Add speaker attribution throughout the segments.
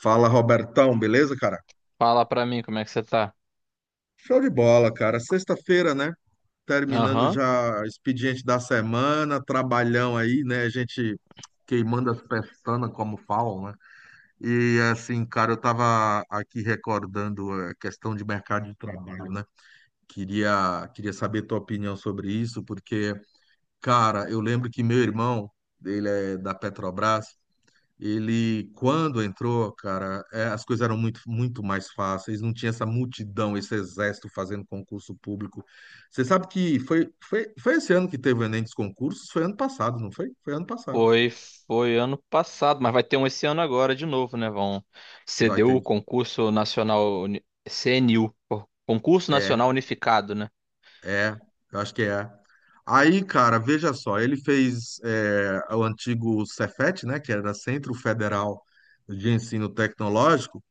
Speaker 1: Fala, Robertão, beleza, cara?
Speaker 2: Fala pra mim como é que você tá.
Speaker 1: Show de bola, cara. Sexta-feira, né? Terminando
Speaker 2: Aham.
Speaker 1: já o expediente da semana, trabalhão aí, né? A gente queimando as pestanas, como falam, né? E assim, cara, eu tava aqui recordando a questão de mercado de trabalho, né? Queria saber tua opinião sobre isso, porque, cara, eu lembro que meu irmão, ele é da Petrobras. Ele, quando entrou, cara, as coisas eram muito, muito mais fáceis, não tinha essa multidão, esse exército fazendo concurso público. Você sabe que foi esse ano que teve o Enem dos concursos? Foi ano passado, não foi? Foi ano passado.
Speaker 2: Foi, foi ano passado, mas vai ter um esse ano agora de novo, né? Vão
Speaker 1: Vai
Speaker 2: CDU,
Speaker 1: ter.
Speaker 2: CNU, Concurso
Speaker 1: É,
Speaker 2: Nacional Unificado, né?
Speaker 1: é, eu acho que é. Aí, cara, veja só, ele fez o antigo Cefet, né, que era Centro Federal de Ensino Tecnológico.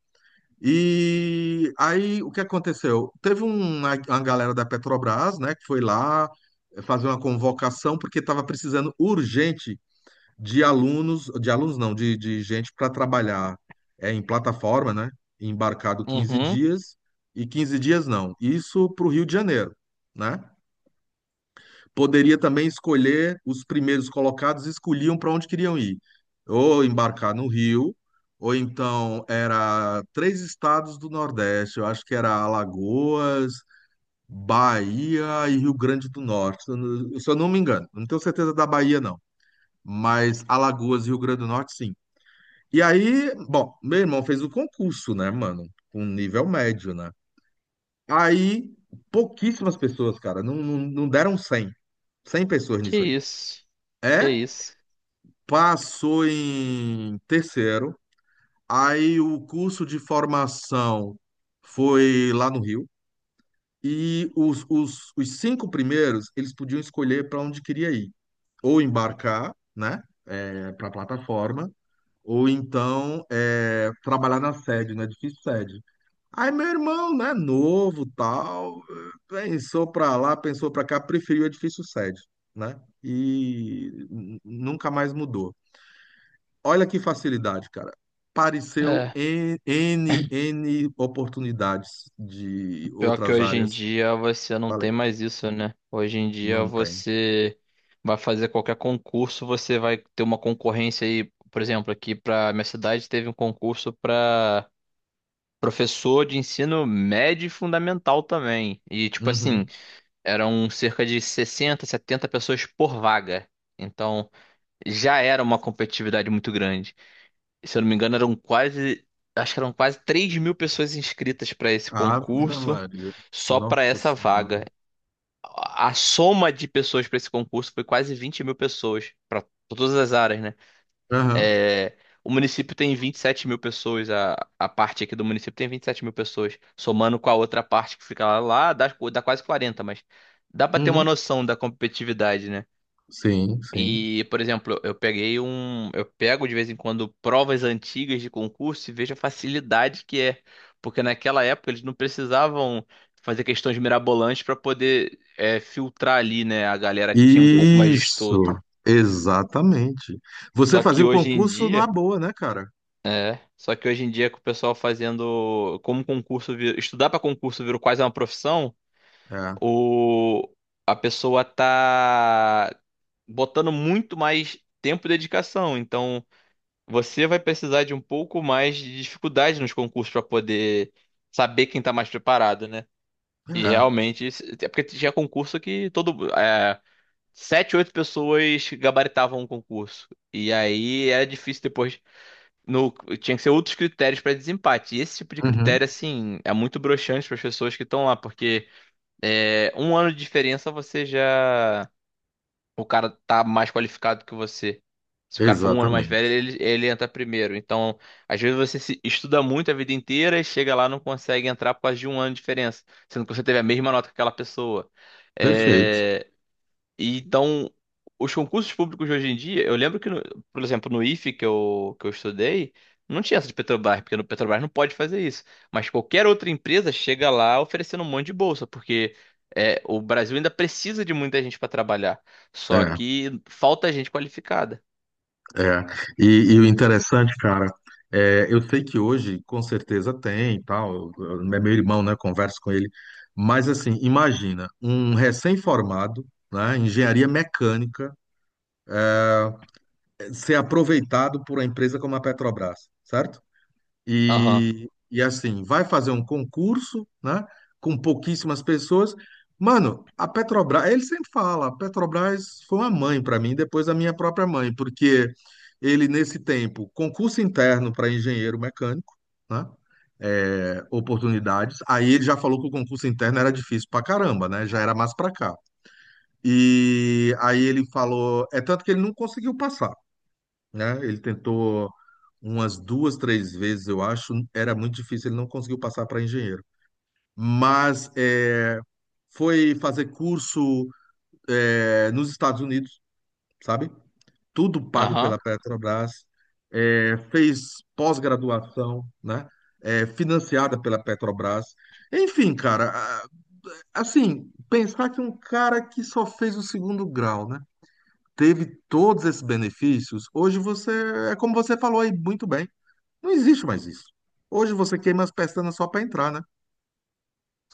Speaker 1: E aí, o que aconteceu? Teve uma galera da Petrobras, né, que foi lá fazer uma convocação, porque estava precisando urgente de alunos não, de gente para trabalhar em plataforma, né, embarcado 15
Speaker 2: Uhum.
Speaker 1: dias, e 15 dias não, isso para o Rio de Janeiro, né? Poderia também escolher os primeiros colocados, escolhiam para onde queriam ir. Ou embarcar no Rio, ou então era três estados do Nordeste, eu acho que era Alagoas, Bahia e Rio Grande do Norte, se eu não me engano. Não tenho certeza da Bahia, não, mas Alagoas e Rio Grande do Norte, sim. E aí, bom, meu irmão fez o concurso, né, mano? Com nível médio, né? Aí, pouquíssimas pessoas, cara, não, não, não deram 100, 100 pessoas
Speaker 2: Que
Speaker 1: nisso aí.
Speaker 2: isso.
Speaker 1: É
Speaker 2: Que isso.
Speaker 1: passou em terceiro, aí o curso de formação foi lá no Rio, e os cinco primeiros, eles podiam escolher para onde queria ir, ou embarcar, né, para a plataforma, ou então trabalhar na sede, no edifício sede. Aí meu irmão, né, novo, tal, pensou para lá, pensou para cá, preferiu o edifício sede, né, e nunca mais mudou. Olha que facilidade, cara. Pareceu
Speaker 2: É,
Speaker 1: N, N, N oportunidades de
Speaker 2: pior que
Speaker 1: outras
Speaker 2: hoje em
Speaker 1: áreas.
Speaker 2: dia você não
Speaker 1: Falei,
Speaker 2: tem mais isso, né? Hoje em dia
Speaker 1: não tem.
Speaker 2: você vai fazer qualquer concurso, você vai ter uma concorrência aí. Por exemplo, aqui pra minha cidade teve um concurso pra professor de ensino médio e fundamental também. E, tipo assim,
Speaker 1: Uhum.
Speaker 2: eram cerca de 60 70 pessoas por vaga. Então, já era uma competitividade muito grande. E, se eu não me engano, eram quase, acho que eram quase 3.000 pessoas inscritas para esse
Speaker 1: Ave
Speaker 2: concurso,
Speaker 1: Maria.
Speaker 2: só para
Speaker 1: Nossa
Speaker 2: essa vaga.
Speaker 1: Senhora.
Speaker 2: A soma de pessoas para esse concurso foi quase 20.000 pessoas, para todas as áreas, né?
Speaker 1: Aham.
Speaker 2: É, o município tem 27.000 pessoas, a parte aqui do município tem 27.000 pessoas, somando com a outra parte que fica lá, dá quase quarenta, mas dá pra ter uma
Speaker 1: Uhum.
Speaker 2: noção da competitividade, né?
Speaker 1: Sim, sim.
Speaker 2: E, por exemplo, eu pego de vez em quando provas antigas de concurso e vejo a facilidade que é, porque naquela época eles não precisavam fazer questões mirabolantes para poder filtrar ali, né, a galera que tinha um pouco mais de
Speaker 1: Isso.
Speaker 2: estudo.
Speaker 1: Exatamente. Você
Speaker 2: Só
Speaker 1: fazia
Speaker 2: que
Speaker 1: o
Speaker 2: hoje em
Speaker 1: concurso numa
Speaker 2: dia
Speaker 1: boa, né, cara?
Speaker 2: É, só que hoje em dia com o pessoal fazendo, como concurso, estudar para concurso virou quase uma profissão,
Speaker 1: É.
Speaker 2: o a pessoa tá botando muito mais tempo e dedicação. Então, você vai precisar de um pouco mais de dificuldade nos concursos para poder saber quem tá mais preparado, né? E
Speaker 1: É.
Speaker 2: realmente, é porque tinha concurso que todo sete, oito pessoas gabaritavam um concurso. E aí era difícil depois, no- tinha que ser outros critérios para desempate. E esse tipo de
Speaker 1: Uhum.
Speaker 2: critério, assim, é muito broxante para as pessoas que estão lá, porque é, um ano de diferença você já. O cara tá mais qualificado que você. Se o cara for um ano mais velho,
Speaker 1: Exatamente.
Speaker 2: ele entra primeiro. Então, às vezes você se estuda muito a vida inteira e chega lá e não consegue entrar por causa de um ano de diferença, sendo que você teve a mesma nota que aquela pessoa.
Speaker 1: Perfeito.
Speaker 2: É, Então, os concursos públicos de hoje em dia, eu lembro que, por exemplo, no IFE que eu estudei, não tinha essa de Petrobras, porque no Petrobras não pode fazer isso. Mas qualquer outra empresa chega lá oferecendo um monte de bolsa, porque é, o Brasil ainda precisa de muita gente para trabalhar. Só
Speaker 1: É.
Speaker 2: que falta gente qualificada.
Speaker 1: É, e o interessante, cara, eu sei que hoje com certeza tem, e tal, meu irmão, né, converso com ele, mas assim, imagina, um recém-formado, né, engenharia mecânica, ser aproveitado por uma empresa como a Petrobras, certo?
Speaker 2: Aham,
Speaker 1: E assim, vai fazer um concurso, né, com pouquíssimas pessoas. Mano, a Petrobras, ele sempre fala, a Petrobras foi uma mãe para mim, depois a minha própria mãe, porque ele, nesse tempo, concurso interno para engenheiro mecânico, né, oportunidades. Aí ele já falou que o concurso interno era difícil pra caramba, né, já era mais pra cá. E aí ele falou, é tanto que ele não conseguiu passar, né? Ele tentou umas duas, três vezes, eu acho. Era muito difícil, ele não conseguiu passar para engenheiro. Mas é, foi fazer curso nos Estados Unidos, sabe? Tudo pago
Speaker 2: aham.
Speaker 1: pela Petrobras. É, fez pós-graduação, né? É, financiada pela Petrobras. Enfim, cara, assim, pensar que um cara que só fez o segundo grau, né? Teve todos esses benefícios. Hoje você, é como você falou aí muito bem. Não existe mais isso. Hoje você queima as pestanas só para entrar, né?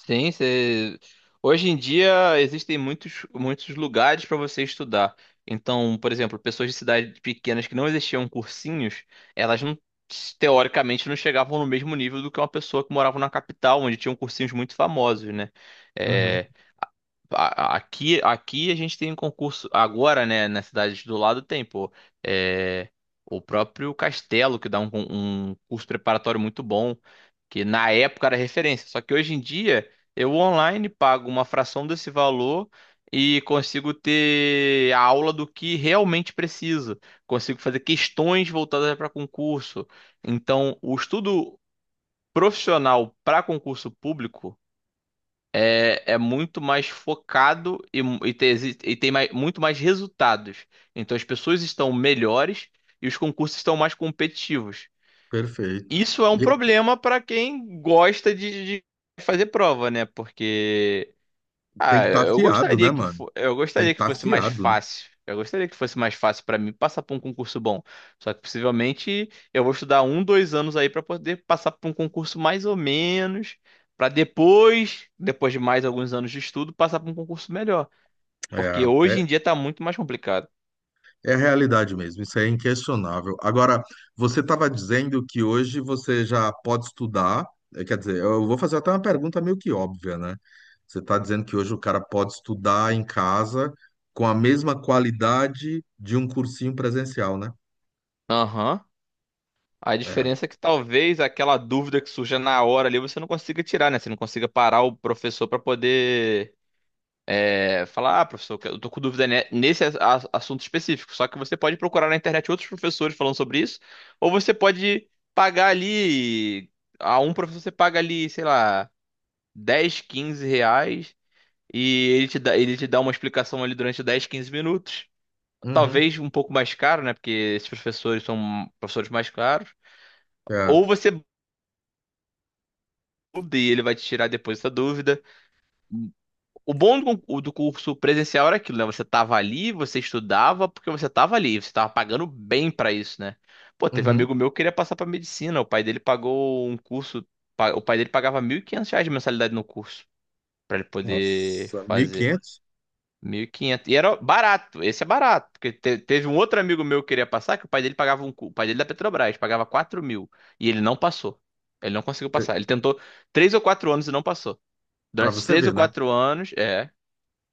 Speaker 2: Sim. Hoje em dia existem muitos, muitos lugares para você estudar. Então, por exemplo, pessoas de cidades pequenas que não existiam cursinhos, elas não, teoricamente, não chegavam no mesmo nível do que uma pessoa que morava na capital, onde tinham cursinhos muito famosos, né?
Speaker 1: Uhum.
Speaker 2: Eh, aqui a gente tem um concurso agora, né? Na cidade do lado tem, pô. É, o próprio Castelo, que dá um curso preparatório muito bom, que na época era referência. Só que hoje em dia eu online pago uma fração desse valor e consigo ter a aula do que realmente preciso. Consigo fazer questões voltadas para concurso. Então, o estudo profissional para concurso público é muito mais focado e tem, exi- e tem mai- muito mais resultados. Então as pessoas estão melhores e os concursos estão mais competitivos.
Speaker 1: Perfeito.
Speaker 2: Isso é um
Speaker 1: E
Speaker 2: problema para quem gosta de, fazer prova, né? Porque.
Speaker 1: tem que estar afiado, né, mano?
Speaker 2: Eu
Speaker 1: Tem que
Speaker 2: gostaria que
Speaker 1: estar
Speaker 2: fosse mais
Speaker 1: afiado, né?
Speaker 2: fácil. Eu gostaria que fosse mais fácil pra mim passar por um concurso bom. Só que possivelmente eu vou estudar 2 anos aí pra poder passar por um concurso mais ou menos, pra depois de mais alguns anos de estudo, passar por um concurso melhor,
Speaker 1: É,
Speaker 2: porque hoje
Speaker 1: é
Speaker 2: em dia tá muito mais complicado.
Speaker 1: É a realidade mesmo, isso é inquestionável. Agora, você estava dizendo que hoje você já pode estudar, quer dizer, eu vou fazer até uma pergunta meio que óbvia, né? Você está dizendo que hoje o cara pode estudar em casa com a mesma qualidade de um cursinho presencial, né?
Speaker 2: Aham. A
Speaker 1: É.
Speaker 2: diferença é que talvez aquela dúvida que surja na hora ali você não consiga tirar, né? Você não consiga parar o professor pra poder falar, ah, professor, eu tô com dúvida nesse assunto específico. Só que você pode procurar na internet outros professores falando sobre isso, ou você pode pagar ali, a um professor você paga ali, sei lá, 10 15 reais, e ele te dá uma explicação ali durante 10 15 minutos.
Speaker 1: Uhum.
Speaker 2: Talvez um pouco mais caro, né? Porque esses professores são professores mais caros.
Speaker 1: É.
Speaker 2: Ou você muda e ele vai te tirar depois essa dúvida. O bom do do curso presencial era aquilo, né? Você tava ali, você estudava porque você tava ali, você tava pagando bem pra isso, né? Pô, teve um
Speaker 1: Uhum.
Speaker 2: amigo meu que queria passar pra medicina, o pai dele pagou um curso, o pai dele pagava R$ 1.500 de mensalidade no curso pra ele poder
Speaker 1: Nossa, mil e
Speaker 2: fazer.
Speaker 1: quinhentos
Speaker 2: 1.500, e era barato, esse é barato, porque teve um outro amigo meu que queria passar que o pai dele pagava o pai dele é da Petrobras pagava 4.000 e ele não passou. Ele não conseguiu passar. Ele tentou 3 ou 4 anos e não passou.
Speaker 1: Para
Speaker 2: Durante esses
Speaker 1: você
Speaker 2: três
Speaker 1: ver,
Speaker 2: ou
Speaker 1: né?
Speaker 2: quatro anos, é.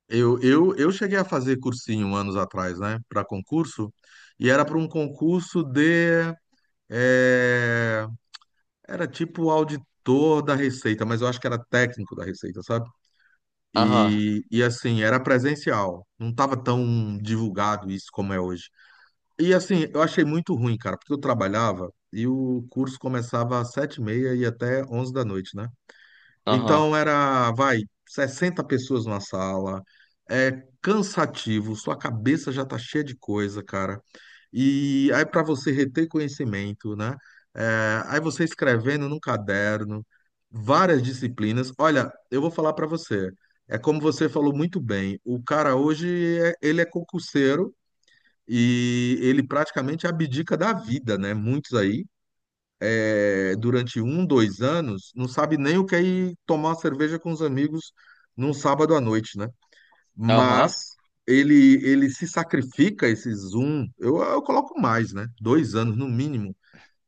Speaker 1: Eu cheguei a fazer cursinho anos atrás, né? Para concurso, e era para um concurso de. eh, Era tipo auditor da Receita, mas eu acho que era técnico da Receita, sabe?
Speaker 2: Aham.
Speaker 1: E assim, era presencial. Não estava tão divulgado isso como é hoje. E assim, eu achei muito ruim, cara, porque eu trabalhava e o curso começava às 7h30 e ia até 11 da noite, né?
Speaker 2: Aham.
Speaker 1: Então era, vai, 60 pessoas na sala, é cansativo, sua cabeça já tá cheia de coisa, cara. E aí para você reter conhecimento, né? É, aí você escrevendo num caderno, várias disciplinas. Olha, eu vou falar para você, é como você falou muito bem, o cara hoje, ele é concurseiro e ele praticamente abdica da vida, né? Muitos aí durante um, 2 anos, não sabe nem o que é ir tomar uma cerveja com os amigos num sábado à noite, né? Mas
Speaker 2: Aham.
Speaker 1: ele se sacrifica, esses um, eu coloco mais, né? 2 anos no mínimo,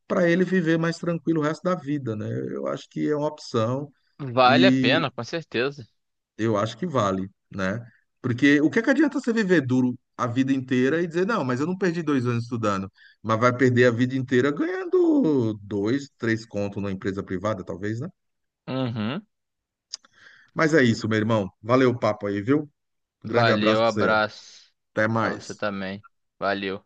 Speaker 1: para ele viver mais tranquilo o resto da vida, né? Eu acho que é uma opção.
Speaker 2: Vale a
Speaker 1: E
Speaker 2: pena, com certeza.
Speaker 1: eu acho que vale, né? Porque o que é que adianta você viver duro a vida inteira e dizer, não, mas eu não perdi 2 anos estudando, mas vai perder a vida inteira ganhando dois, três contos numa empresa privada, talvez, né?
Speaker 2: Uhum.
Speaker 1: Mas é isso, meu irmão. Valeu o papo aí, viu? Grande abraço
Speaker 2: Valeu,
Speaker 1: pra você.
Speaker 2: abraço
Speaker 1: Até
Speaker 2: pra você
Speaker 1: mais.
Speaker 2: também. Valeu.